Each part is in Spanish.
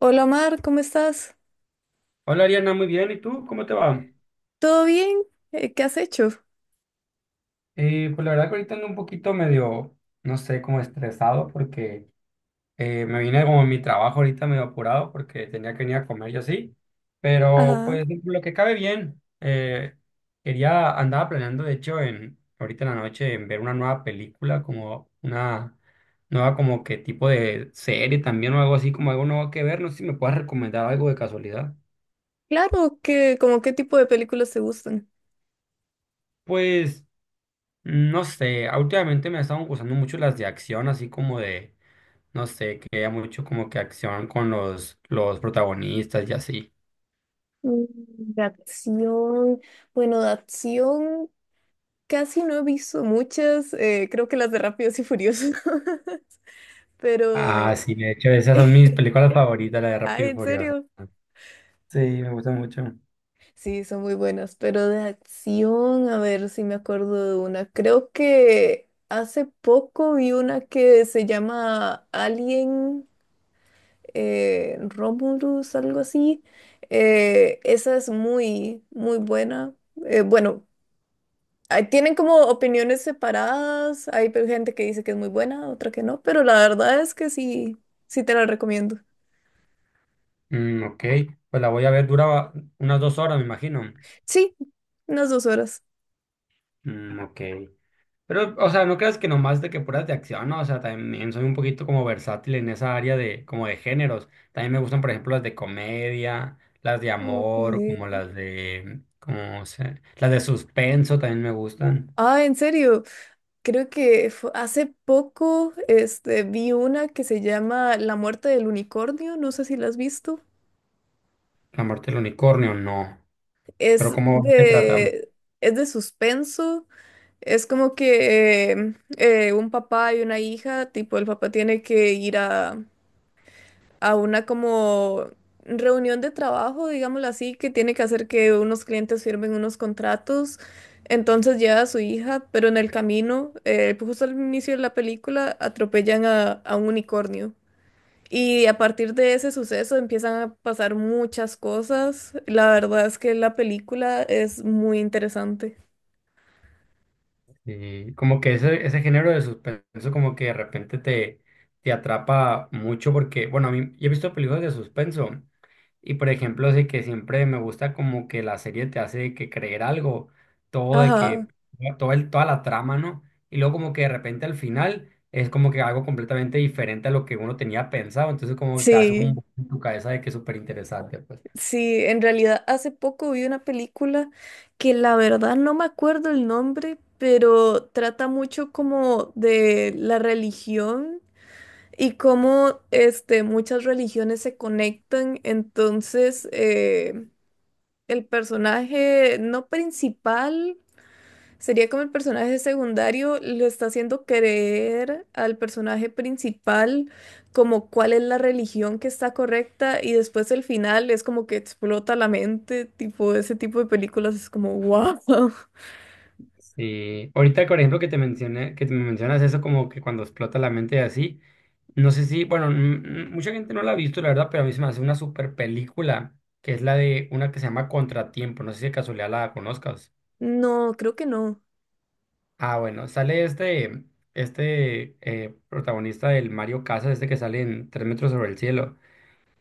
Hola Mar, ¿cómo estás? Hola Ariana, muy bien. ¿Y tú? ¿Cómo te va? ¿Todo bien? ¿Qué has hecho? Pues la verdad que ahorita ando un poquito medio, no sé, como estresado porque me vine como a mi trabajo ahorita medio apurado porque tenía que venir a comer y así. Pero Ajá. pues lo que cabe bien. Quería, andaba planeando de hecho en, ahorita en la noche en ver una nueva película, como una nueva como que tipo de serie también o algo así, como algo nuevo que ver. No sé si me puedas recomendar algo de casualidad. Claro, ¿como qué tipo de películas te gustan? Pues... No sé, últimamente me estaban gustando mucho las de acción, así como de, no sé, que haya mucho como que acción con los protagonistas y así. Mm. De acción, bueno, de acción casi no he visto muchas, creo que las de Rápidos y Furiosos, Ah, pero, sí, de hecho, esas son mis películas favoritas, la de ay, Rápido y en Furioso. serio, Sí, me gusta mucho. sí, son muy buenas, pero de acción, a ver si me acuerdo de una, creo que hace poco vi una que se llama Alien, Romulus, algo así. Esa es muy, muy buena. Bueno, ahí tienen como opiniones separadas. Hay gente que dice que es muy buena, otra que no, pero la verdad es que sí, sí te la recomiendo. Mm, ok, pues la voy a ver, dura unas dos horas, me imagino. Sí, unas dos horas. Mm, ok. Pero, o sea, no creas que nomás de que puras de acción, ¿no? O sea, también soy un poquito como versátil en esa área de, como de géneros. También me gustan, por ejemplo, las de comedia, las de Ok. amor, como las de, como se, las de suspenso también me gustan. Ah, en serio, creo que hace poco este, vi una que se llama La muerte del unicornio, no sé si la has visto. La muerte del unicornio, no. Pero Es ¿cómo se trata? de, es de suspenso. Es como que un papá y una hija, tipo el papá tiene que ir a una como reunión de trabajo, digámoslo así, que tiene que hacer que unos clientes firmen unos contratos. Entonces lleva a su hija, pero en el camino, pues, justo al inicio de la película, atropellan a un unicornio. Y a partir de ese suceso empiezan a pasar muchas cosas. La verdad es que la película es muy interesante. Y como que ese género de suspenso como que de repente te, te atrapa mucho porque, bueno, a mí yo he visto películas de suspenso y por ejemplo, de que siempre me gusta como que la serie te hace que creer algo, todo de Ajá, que, todo el, toda la trama, ¿no? Y luego como que de repente al final es como que algo completamente diferente a lo que uno tenía pensado, entonces como que te hace un sí. boom en tu cabeza de que es súper interesante, pues. Sí, en realidad hace poco vi una película que la verdad no me acuerdo el nombre, pero trata mucho como de la religión y cómo este, muchas religiones se conectan. Entonces, el personaje no principal, sería como el personaje secundario, le está haciendo creer al personaje principal como cuál es la religión que está correcta, y después el final es como que explota la mente, tipo ese tipo de películas es como wow. Sí, ahorita, por ejemplo, que te mencioné, que te me mencionas eso como que cuando explota la mente y así, no sé si, bueno, mucha gente no la ha visto, la verdad, pero a mí se me hace una super película, que es la de una que se llama Contratiempo, no sé si de casualidad la conozcas. No, creo que no. Ah, bueno, sale este, este protagonista del Mario Casas, este que sale en Tres metros sobre el cielo.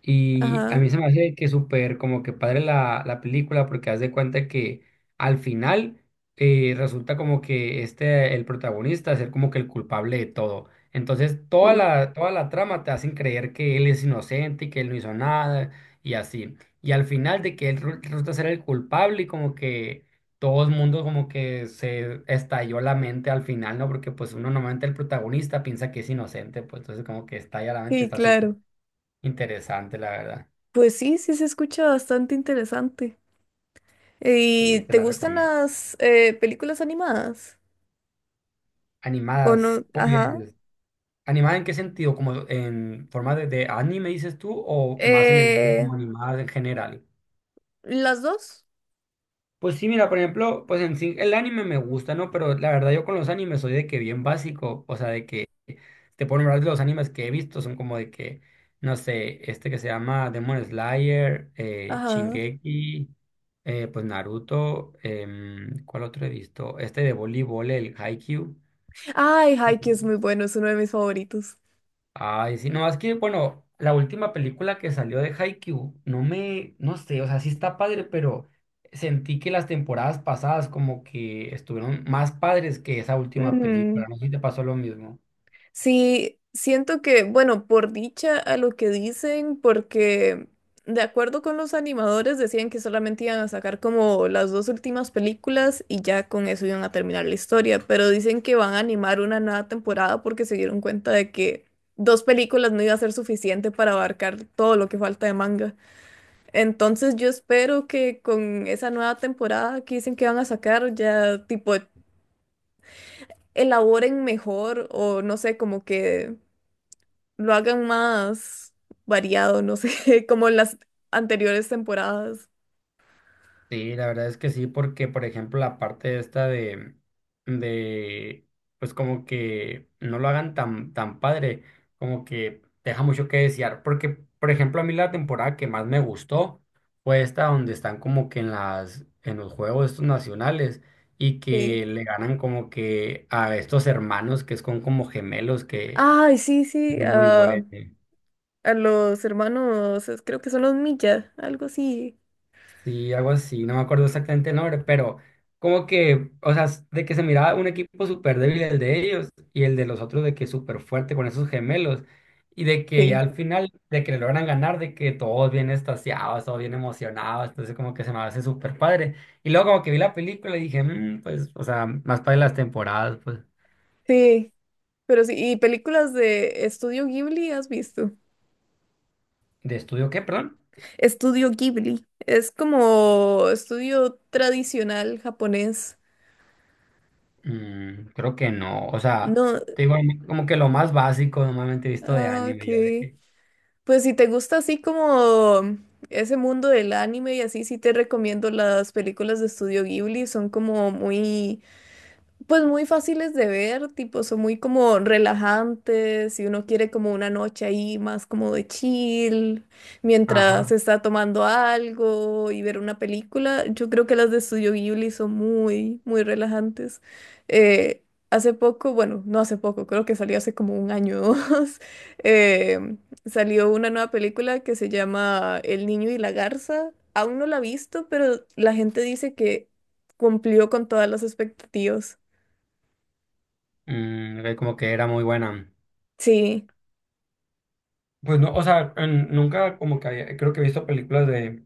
Y a Ajá. mí se me hace que súper como que padre la, la película porque haz de cuenta que al final resulta como que este, el protagonista, ser como que el culpable de todo. Entonces Mm. Toda la trama te hacen creer que él es inocente y que él no hizo nada y así. Y al final de que él resulta ser el culpable y como que todo el mundo como que se estalló la mente al final, ¿no? Porque pues uno normalmente el protagonista piensa que es inocente, pues entonces como que estalla la mente, Sí, está súper. claro. Interesante, la verdad. Pues sí, sí se escucha bastante interesante. ¿Y Sí, te te la gustan recomiendo. las películas animadas? ¿O Animadas, no? Ajá. pues, ¿animadas en qué sentido? ¿Como en forma de anime, dices tú, o más en el área Eh, como animadas en general? ¿Las dos? Pues sí, mira, por ejemplo, pues en sí, el anime me gusta, ¿no? Pero la verdad yo con los animes soy de que bien básico, o sea, de que te puedo nombrar los animes que he visto, son como de que, no sé, este que se llama Demon Slayer, Ajá. Shingeki, pues Naruto, ¿cuál otro he visto? Este de voleibol, el Haikyuu. Ay, Haikyuu es muy bueno, es uno de mis favoritos. Ay, sí, no, es que, bueno, la última película que salió de Haikyuu, no me, no sé, o sea, sí está padre, pero sentí que las temporadas pasadas como que estuvieron más padres que esa última Ujú. película, no sé si te pasó lo mismo. Sí, siento que, bueno, por dicha a lo que dicen, porque de acuerdo con los animadores decían que solamente iban a sacar como las dos últimas películas y ya con eso iban a terminar la historia, pero dicen que van a animar una nueva temporada porque se dieron cuenta de que dos películas no iba a ser suficiente para abarcar todo lo que falta de manga. Entonces yo espero que con esa nueva temporada que dicen que van a sacar, ya tipo elaboren mejor o no sé, como que lo hagan más variado, no sé, como en las anteriores temporadas. Sí, la verdad es que sí, porque por ejemplo la parte esta de, pues como que no lo hagan tan padre, como que deja mucho que desear, porque por ejemplo a mí la temporada que más me gustó fue esta donde están como que en las, en los juegos estos nacionales y Sí. que le ganan como que a estos hermanos que son como gemelos que Ay, sí, es sí, muy buenos. a los hermanos, creo que son los Milla, algo así. Sí, algo así, no me acuerdo exactamente el nombre, pero como que, o sea, de que se miraba un equipo súper débil el de ellos y el de los otros de que súper fuerte con esos gemelos y de que ya Sí, al final, de que le logran ganar, de que todos bien extasiados, todos bien emocionados, entonces como que se me hace súper padre. Y luego como que vi la película y dije, "Mm, pues, o sea, más padre las temporadas, pues". sí, pero sí, ¿y películas de Estudio Ghibli, has visto? ¿De estudio qué, perdón? Estudio Ghibli, es como estudio tradicional japonés. Mm, creo que no, o sea, No, te digo, como que lo más básico normalmente he visto de ah, ok. anime, yo de que, Pues si te gusta así como ese mundo del anime y así, sí te recomiendo las películas de Estudio Ghibli, son como muy... Pues muy fáciles de ver, tipo, son muy como relajantes, si uno quiere como una noche ahí más como de chill, mientras ajá. está tomando algo y ver una película, yo creo que las de Studio Ghibli son muy, muy relajantes. Eh, hace poco, bueno, no hace poco, creo que salió hace como un año o dos, eh, salió una nueva película que se llama El niño y la garza. Aún no la he visto, pero la gente dice que cumplió con todas las expectativas. Mm, ok, como que era muy buena. Sí. Pues no, o sea, nunca como que creo que he visto películas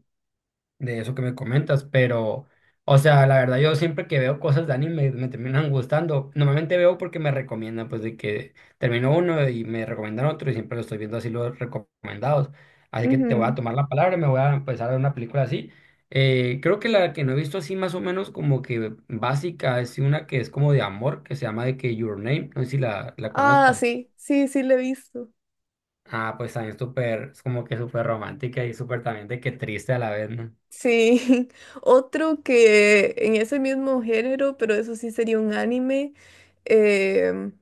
de eso que me comentas, pero, o sea, la verdad yo siempre que veo cosas de anime me terminan gustando. Normalmente veo porque me recomiendan, pues de que termino uno y me recomiendan otro y siempre lo estoy viendo así los recomendados. Así que te voy a Ujú. tomar la palabra y me voy a empezar a ver una película así. Creo que la que no he visto así más o menos como que básica es una que es como de amor, que se llama de que Your Name, no sé si la, la Ah, conozcas. sí, sí, sí, lo he visto. Ah, pues también súper, es como que súper romántica y súper también de que triste a la vez, ¿no? Sí, otro que en ese mismo género, pero eso sí sería un anime. Em,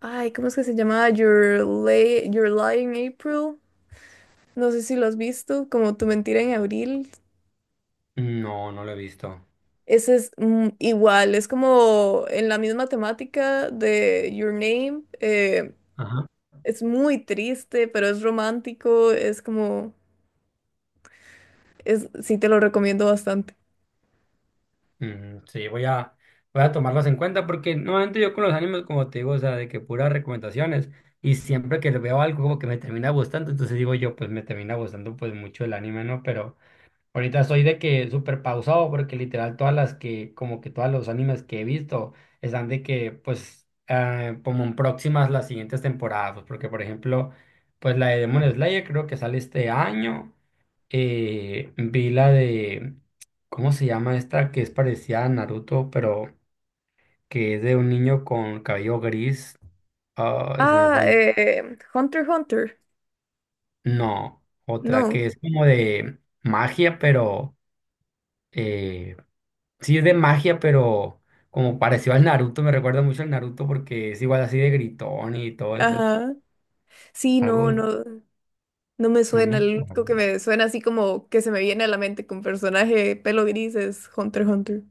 ay, ¿cómo es que se llamaba? Your, Your Lie in April. No sé si lo has visto, como Tu Mentira en Abril. No, no lo he visto. Ese es mm, igual, es como en la misma temática de Your Name. Ajá. Es muy triste, pero es romántico, es como, es, sí te lo recomiendo bastante. Mm, sí, voy a, voy a tomarlos en cuenta porque normalmente yo con los animes, como te digo, o sea, de que puras recomendaciones y siempre que veo algo como que me termina gustando, entonces digo yo, pues me termina gustando pues mucho el anime, ¿no? Pero ahorita estoy de que súper pausado porque literal todas las que, como que todos los animes que he visto están de que, pues, como en próximas las siguientes temporadas, pues, porque por ejemplo, pues la de Demon Slayer creo que sale este año, vi la de, ¿cómo se llama esta? Que es parecida a Naruto, pero que es de un niño con cabello gris, ah, se me Ah, fue el... Hunter x Hunter. No, otra que No. es como de magia, pero... eh, sí, es de magia, pero como parecido al Naruto, me recuerda mucho al Naruto porque es igual así de gritón y todo eso. Ajá. Sí, Algo, no, de- no. No me no me suena. Lo acuerdo. único que me suena así como que se me viene a la mente con personaje pelo gris es Hunter x Hunter.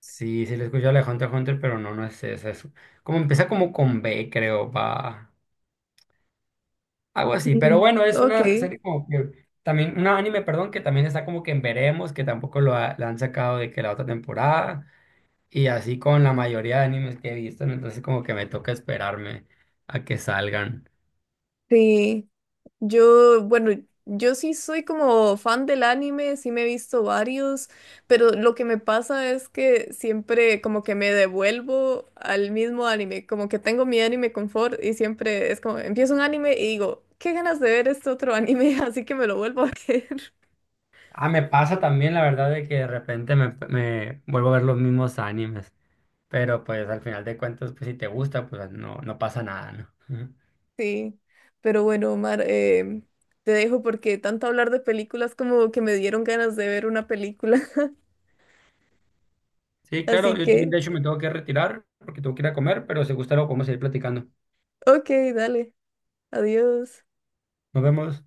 Sí, sí lo he escuchado de Hunter x Hunter, pero no, no es esa. Es como empieza como con B, creo, va. Algo así, pero Mm. bueno, es Ok. una serie como que también, un anime, perdón, que también está como que en veremos, que tampoco la han sacado de que la otra temporada, y así con la mayoría de animes que he visto, ¿no? Entonces como que me toca esperarme a que salgan. Sí. Yo, bueno, yo sí soy como fan del anime, sí me he visto varios, pero lo que me pasa es que siempre como que me devuelvo al mismo anime, como que tengo mi anime confort y siempre es como, empiezo un anime y digo, qué ganas de ver este otro anime, así que me lo vuelvo a ver. Ah, me pasa también la verdad de que de repente me, me vuelvo a ver los mismos animes, pero pues al final de cuentas, pues si te gusta, pues no, no pasa nada, ¿no? Ujú. Sí, pero bueno, Omar, te dejo porque tanto hablar de películas como que me dieron ganas de ver una película, Sí, claro, así yo también que, de hecho me tengo que retirar porque tengo que ir a comer, pero si gusta lo podemos seguir platicando. ok, dale, adiós. Nos vemos.